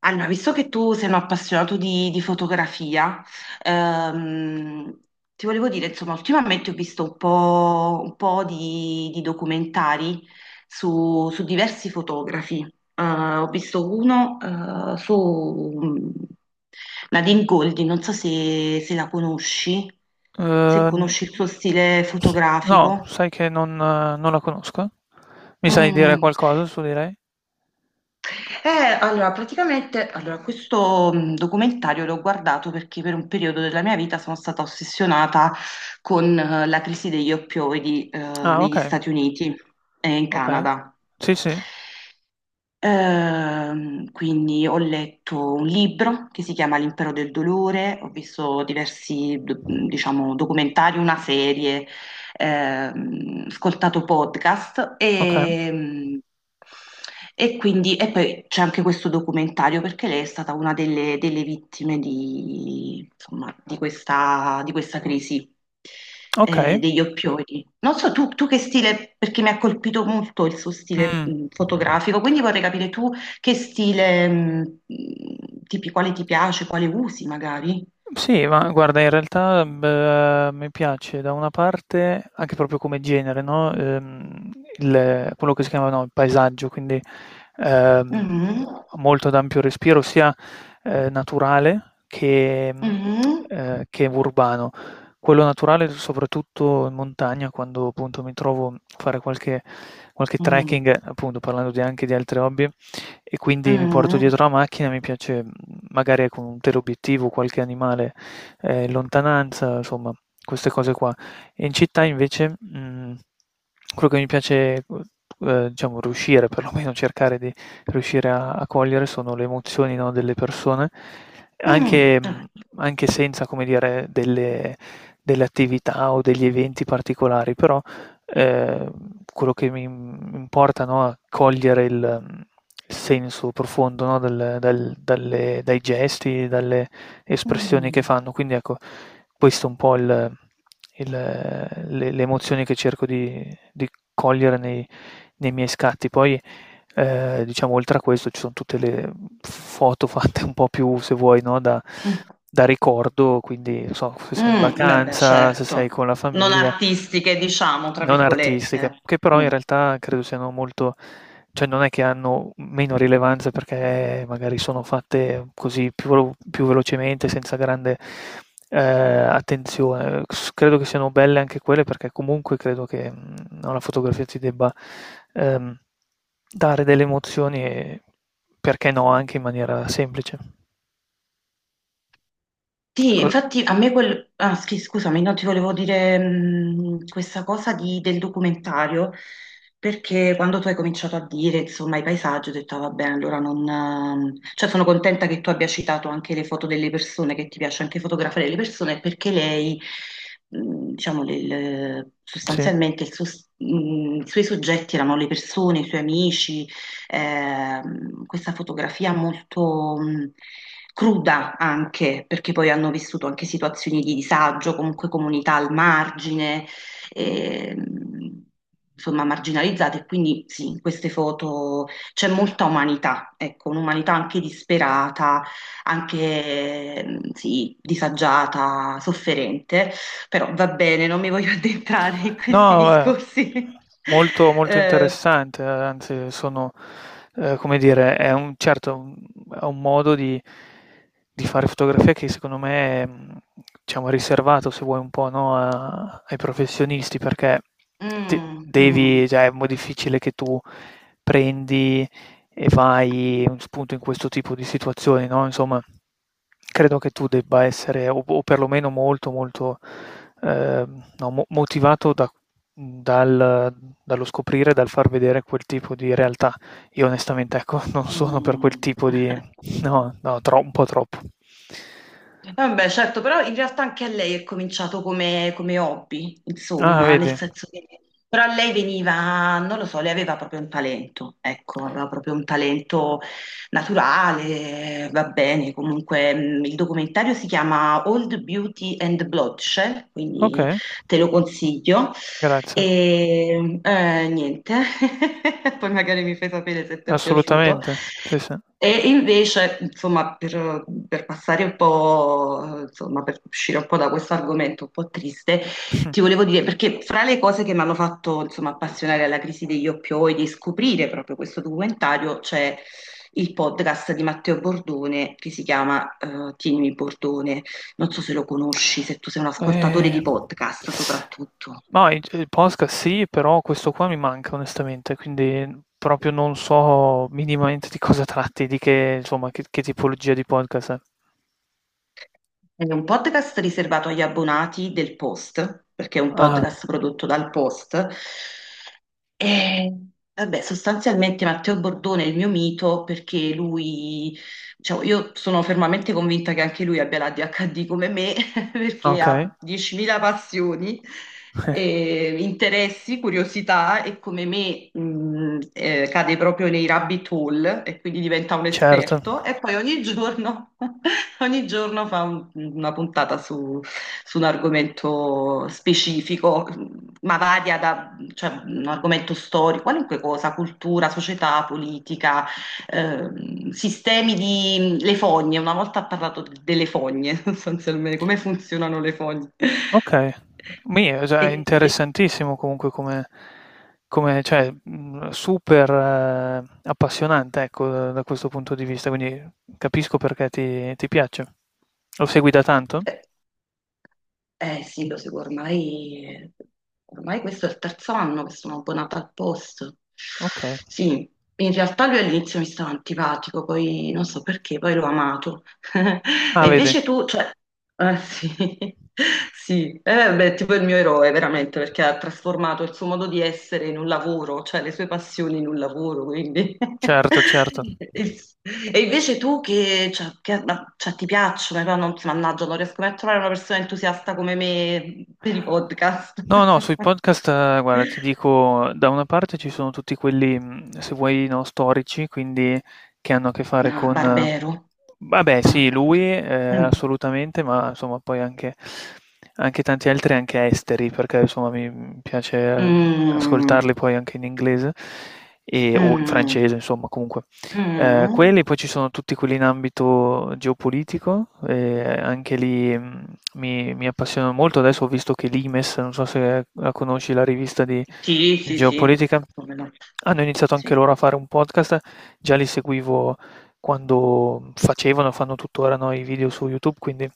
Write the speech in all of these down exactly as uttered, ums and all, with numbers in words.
Allora, visto che tu sei un appassionato di, di fotografia, ehm, ti volevo dire, insomma, ultimamente ho visto un po', un po' di, di documentari su, su diversi fotografi. Eh, ho visto uno, eh, su mm, Nadine Goldin, non so se, se la conosci, se Ehm, conosci il suo stile no, fotografico. sai che non eh, non la conosco. Mi sai dire Mm. qualcosa su di lei? Eh, allora, praticamente, allora, questo mh, documentario l'ho guardato perché per un periodo della mia vita sono stata ossessionata con eh, la crisi degli oppioidi eh, Ah, negli okay, Stati Uniti e in okay. Canada. Sì, sì, Ehm, quindi ho letto un libro che si chiama L'impero del dolore, ho visto diversi, do- diciamo, documentari, una serie, ehm, ascoltato podcast okay, e, e quindi e poi c'è anche questo documentario perché lei è stata una delle, delle vittime di, insomma, di questa, di questa crisi okay. eh, degli oppioidi. Non so tu, tu che stile, perché mi ha colpito molto il suo stile Mh. mh, fotografico, quindi vorrei capire tu che stile, mh, mh, tipi, quale ti piace, quale usi magari. Sì, ma guarda, in realtà beh, mi piace da una parte, anche proprio come genere, no? Ehm, il- quello che si chiama no, il paesaggio, quindi ehm, Mhm, molto ad ampio respiro, sia eh, naturale che, mh, mhm, eh, che urbano. Quello naturale, soprattutto in montagna, quando appunto mi trovo a fare qualche, qualche mm, trekking, appunto parlando di- anche di altri hobby, e quindi mi porto mm. dietro la macchina, mi piace mh, magari con un teleobiettivo, qualche animale, eh, in lontananza, insomma, queste cose qua. E in città invece mh, quello che mi piace, eh, diciamo, riuscire, perlomeno cercare di riuscire a, a cogliere sono le emozioni, no, delle persone, Mm, anche, mh, anche senza, come dire, delle, delle attività o degli eventi particolari, però Ehm, quello che mi importa, no, è cogliere il, mhmm, il senso profondo, no, del del dalle dai gesti, dalle mm, espressioni che mm, fanno. Quindi ecco, questo è un po' il il le le emozioni che cerco di di cogliere nei nei miei scatti. Poi, ehm, diciamo oltre a questo ci son tutte le f foto fatte un po' più, se vuoi, no, da mm, da ricordo, quindi non so, se sei in mm, vabbè, vacanza, se sei certo, con la non famiglia artistiche, diciamo, tra non artistiche, virgolette. che però in Mm. realtà credo siano molto cioè non è che hanno meno rilevanza perché magari sono fatte così più, velo- più velocemente, senza grande eh, attenzione. S- Credo che siano belle anche quelle perché comunque credo che mh, alla fotografia ti debba ehm, dare delle emozioni e perché no, anche in maniera semplice. Sì, Co- infatti a me quel... Ah, sì, scusami, no, ti volevo dire, mh, questa cosa di- del documentario, perché quando tu hai cominciato a dire, insomma, i paesaggi, ho detto, "Ah, va bene, allora non... ehm", Cioè, sono contenta che tu abbia citato anche le foto delle persone, che ti piace anche fotografare le persone, perché lei, mh, diciamo, le- le- sì. sostanzialmente il suo- s- mh, i suoi soggetti erano le persone, i suoi amici, ehm, questa fotografia molto mh, cruda anche, perché poi hanno vissuto anche situazioni di disagio, comunque comunità al margine, ehm, insomma marginalizzate, e quindi sì, in queste foto c'è molta umanità, ecco, un'umanità anche disperata, anche ehm, sì, disagiata, sofferente, però va bene, non mi voglio addentrare in questi No, eh, discorsi. molto, molto Eh, interessante, eh, anzi sono, eh, come dire, è un, certo, un- è un modo di, di fare fotografia che secondo me è, mh, diciamo, riservato, se vuoi, un po', no, a- ai professionisti, perché te- mm, devi, mm. cioè, è molto difficile che tu prendi e fai un spunto in questo tipo di situazioni, no, insomma, credo che tu debba essere o o perlomeno molto, molto, ehm, no, mo motivato da dal dallo scoprire, dal far vedere quel tipo di realtà. Io onestamente, ecco, non sono per quel Mm. tipo di no, no, tro un po' troppo. Vabbè, certo, però in realtà anche a lei è cominciato come, come hobby, Ah, insomma, nel vedi? senso che però a lei veniva, non lo so, lei aveva proprio un talento, ecco, aveva proprio un talento naturale, va bene, comunque mh, il documentario si chiama Old Beauty and Bloodshed, quindi Okay, te lo consiglio. grazie. E eh, niente, poi magari mi fai sapere se ti è piaciuto. Assolutamente, sì, sì. E invece, insomma, per, per passare un po', insomma, per uscire un po' da questo argomento un po' triste, Mh. ti volevo dire, perché fra le cose che mi hanno fatto, insomma, appassionare alla crisi degli oppioidi e scoprire proprio questo documentario c'è il podcast di Matteo Bordone che si chiama eh, Tienimi Bordone. Non so se lo conosci, se tu sei un ascoltatore di Ehm, podcast soprattutto. ma i il podcast sì, però questo qua mi manca onestamente, quindi proprio non so minimamente di cosa tratti, di che insomma, che che tipologia di podcast è. È un podcast riservato agli abbonati del Post, perché è un Ah, podcast prodotto dal Post. E vabbè, sostanzialmente Matteo Bordone è il mio mito perché lui, diciamo, io sono fermamente convinta che anche lui abbia la dhd come me, perché okay. ha diecimila passioni, eh, interessi, curiosità e come me, mh, eh, cade proprio nei rabbit hole e quindi diventa un Certo. esperto e poi ogni giorno, ogni giorno fa un- una puntata su, su un argomento specifico, ma varia, cioè, un argomento storico, qualunque cosa, cultura, società, politica, ehm, sistemi di... le fogne, una volta ha parlato d- delle fogne, sostanzialmente, come funzionano le fogne. Okay. Mi è già E- interessantissimo comunque come come cioè, mhmm, super eh, appassionante, ecco, da da questo punto di vista, quindi capisco perché ti ti piace. Lo segui da tanto? eh, eh, sì, lo seguo ormai, ormai questo è il terzo anno che sono abbonata al Post. Okay. Sì, in realtà lui all'inizio mi stava antipatico, poi non so perché, poi l'ho amato. Ah, E vedi. invece tu, cioè, ah sì, sì, eh, beh, tipo il mio eroe veramente perché ha trasformato il suo modo di essere in un lavoro, cioè le sue passioni in un lavoro, quindi... Certo, certo. E e invece tu che, cioè, che- ma- cioè, ti piacciono, però non, mannaggia, non riesco mai a trovare una persona entusiasta come me per i podcast. No, no, sui podcast, ehm, guarda, ti dico, da una parte ci sono tutti quelli, mhmm, se vuoi, no, storici, quindi che hanno a che fare Ah, con eh, Barbero. vabbè Ah, sì, lui, scusa. ehm, Mm. assolutamente, ma insomma poi anche anche tanti altri, anche esteri, perché insomma mi mi piace, ehm, Mm. ascoltarli poi anche in inglese e o in Mm. francese, insomma comunque. Ehm, Mm. quelli, poi ci sono tutti quelli in ambito geopolitico, ehm, anche lì, mhmm mi, mi appassionano molto. Adesso ho visto che l'I M E S, non so se la conosci, la rivista di Sì, di sì, sì, geopolitica, come no. hanno iniziato anche Sì. loro a fare un podcast. Già li seguivo quando facevano, fanno tuttora no, i video su YouTube, quindi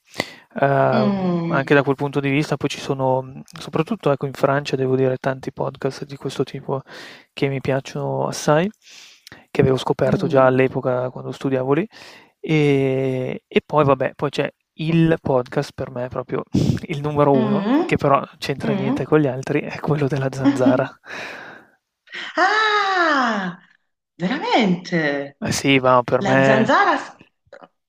ehm, Mm, anche da quel punto di vista. Poi ci sono, mh, soprattutto ecco, in Francia, devo dire, tanti podcast di questo tipo che mi piacciono assai, che avevo scoperto già mm, all'epoca quando studiavo lì. E, e poi vabbè, poi c'è il podcast per me proprio il numero uno, mm, che però c'entra niente mm. con gli altri, è quello della Zanzara. Ah, veramente? Ma sì, ma per La me zanzara, s-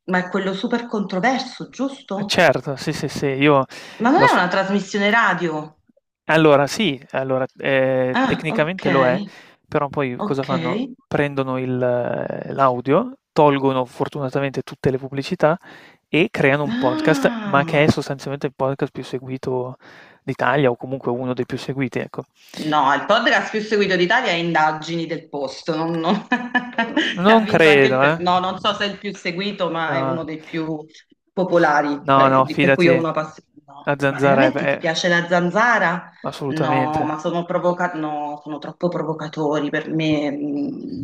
ma è quello super controverso, eh giusto? certo, sì, sì, sì, io Ma non l'ho è s una trasmissione radio? allora sì, allora, ehm, Ah, ok, tecnicamente lo è, però poi cosa ok. fanno? Prendono il eh, l'audio, tolgono fortunatamente tutte le pubblicità e creano un podcast, ma che Ah. è sostanzialmente il podcast più seguito d'Italia o comunque uno dei più seguiti, ecco. No, il podcast più seguito d'Italia è Indagini del Posto, non- non- ha Non vinto anche credo, il eh. premio. No, non so se è il più seguito, ma è No. uno dei più popolari, No, beh, no, di- per cui ho fidati. una passione. No, La ma zanzara è ve veramente ti è piace la zanzara? assolutamente. No, ma sono provoca- no, sono troppo provocatori per me. Mm,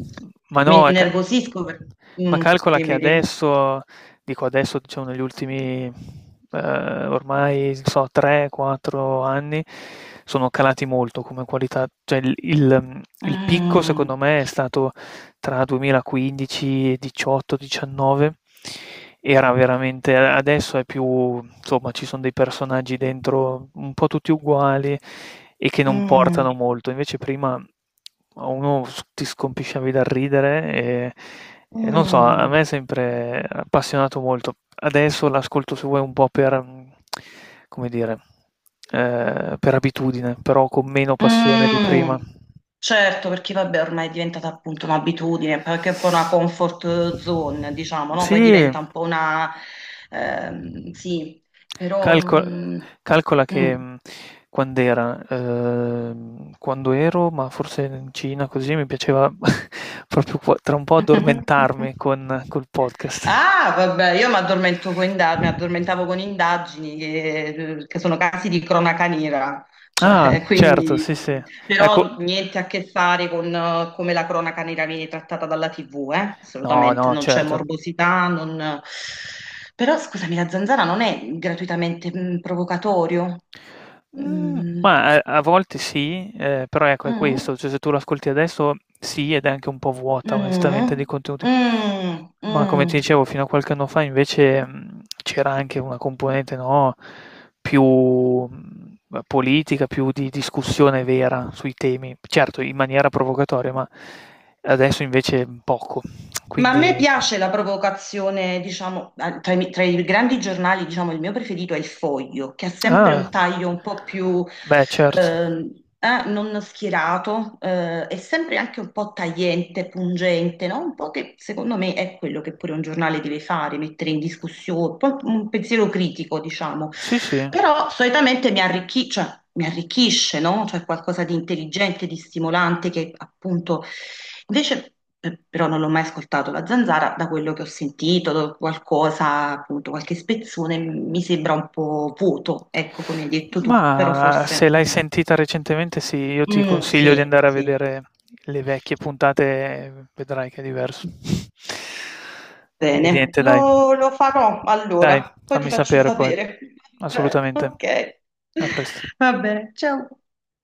Ma mi no, è ca innervosisco per... ma Mm, calcola che dimmi, dimmi. adesso dico adesso, diciamo negli ultimi, ehm, ormai non so tre, quattro anni, sono calati molto come qualità. Cioè il il mhmm, il picco Mm, secondo me è stato tra duemilaquindici, diciotto, diciannove era veramente adesso è più insomma, ci sono dei personaggi dentro un po' tutti uguali e che non mm, portano molto. Invece prima a uno s ti scompisciavi dal ridere e e non so, a mm, me è sempre appassionato molto. Adesso l'ascolto se vuoi un po' per, mhmm, come dire, ehm, per abitudine, però con meno passione di prima. mm. Certo, perché vabbè, ormai è diventata appunto un'abitudine, perché è un po' una comfort zone, diciamo, no? Poi Sì. diventa un po' una... ehm, sì, però... Calco non- calcola che, mm. mhmm, quand'era? Ehm, quando ero, ma forse in Cina così, mi piaceva proprio qua tra un po' addormentarmi con col podcast. Ah, vabbè, io mi addormento con inda- mi addormentavo con indagini che, che sono casi di cronaca nera, Ah, cioè, certo, quindi, sì, sì. Ecco però niente a che fare con eh, come la cronaca nera viene trattata dalla tivù, eh? no, Assolutamente, no, non c'è certo. morbosità, non... Però scusami, la zanzara non è gratuitamente mm, provocatorio? Mhmm, Mm, ma a a volte sì, ehm, però ecco è mm, questo, cioè se tu lo ascolti adesso sì, ed è anche un po' vuota onestamente di mm, mm, contenuti. mm. Ma come ti Mm. dicevo fino a qualche anno fa invece, mhmm, c'era anche una componente, no, più, mhmm, politica, più di discussione vera sui temi, certo in maniera provocatoria, ma adesso invece poco. Ma a me Quindi piace la provocazione, diciamo, eh, tra i, tra i grandi giornali, diciamo, il mio preferito è il Foglio, che ha sempre ah, un taglio un po' più beh certo. ehm, eh, non schierato, eh, è sempre anche un po' tagliente, pungente, no? Un po' che secondo me è quello che pure un giornale deve fare, mettere in discussione, un po' un pensiero critico, diciamo. Sì, sì. Però solitamente mi arricchi- cioè, mi arricchisce, no? Cioè qualcosa di intelligente, di stimolante, che appunto... Invece eh, però non l'ho mai ascoltato la zanzara, da quello che ho sentito, do- qualcosa, appunto, qualche spezzone m- mi sembra un po' vuoto, ecco come hai detto tu, però Mah, forse... se l'hai mm, sentita recentemente sì, io ti mm, consiglio di sì, andare a sì, vedere le vecchie puntate, vedrai che è diverso. E bene, niente, dai. lo, lo farò Dai, allora, poi ti fammi faccio sapere poi. sapere. Assolutamente. Ok, A presto. va bene, ciao.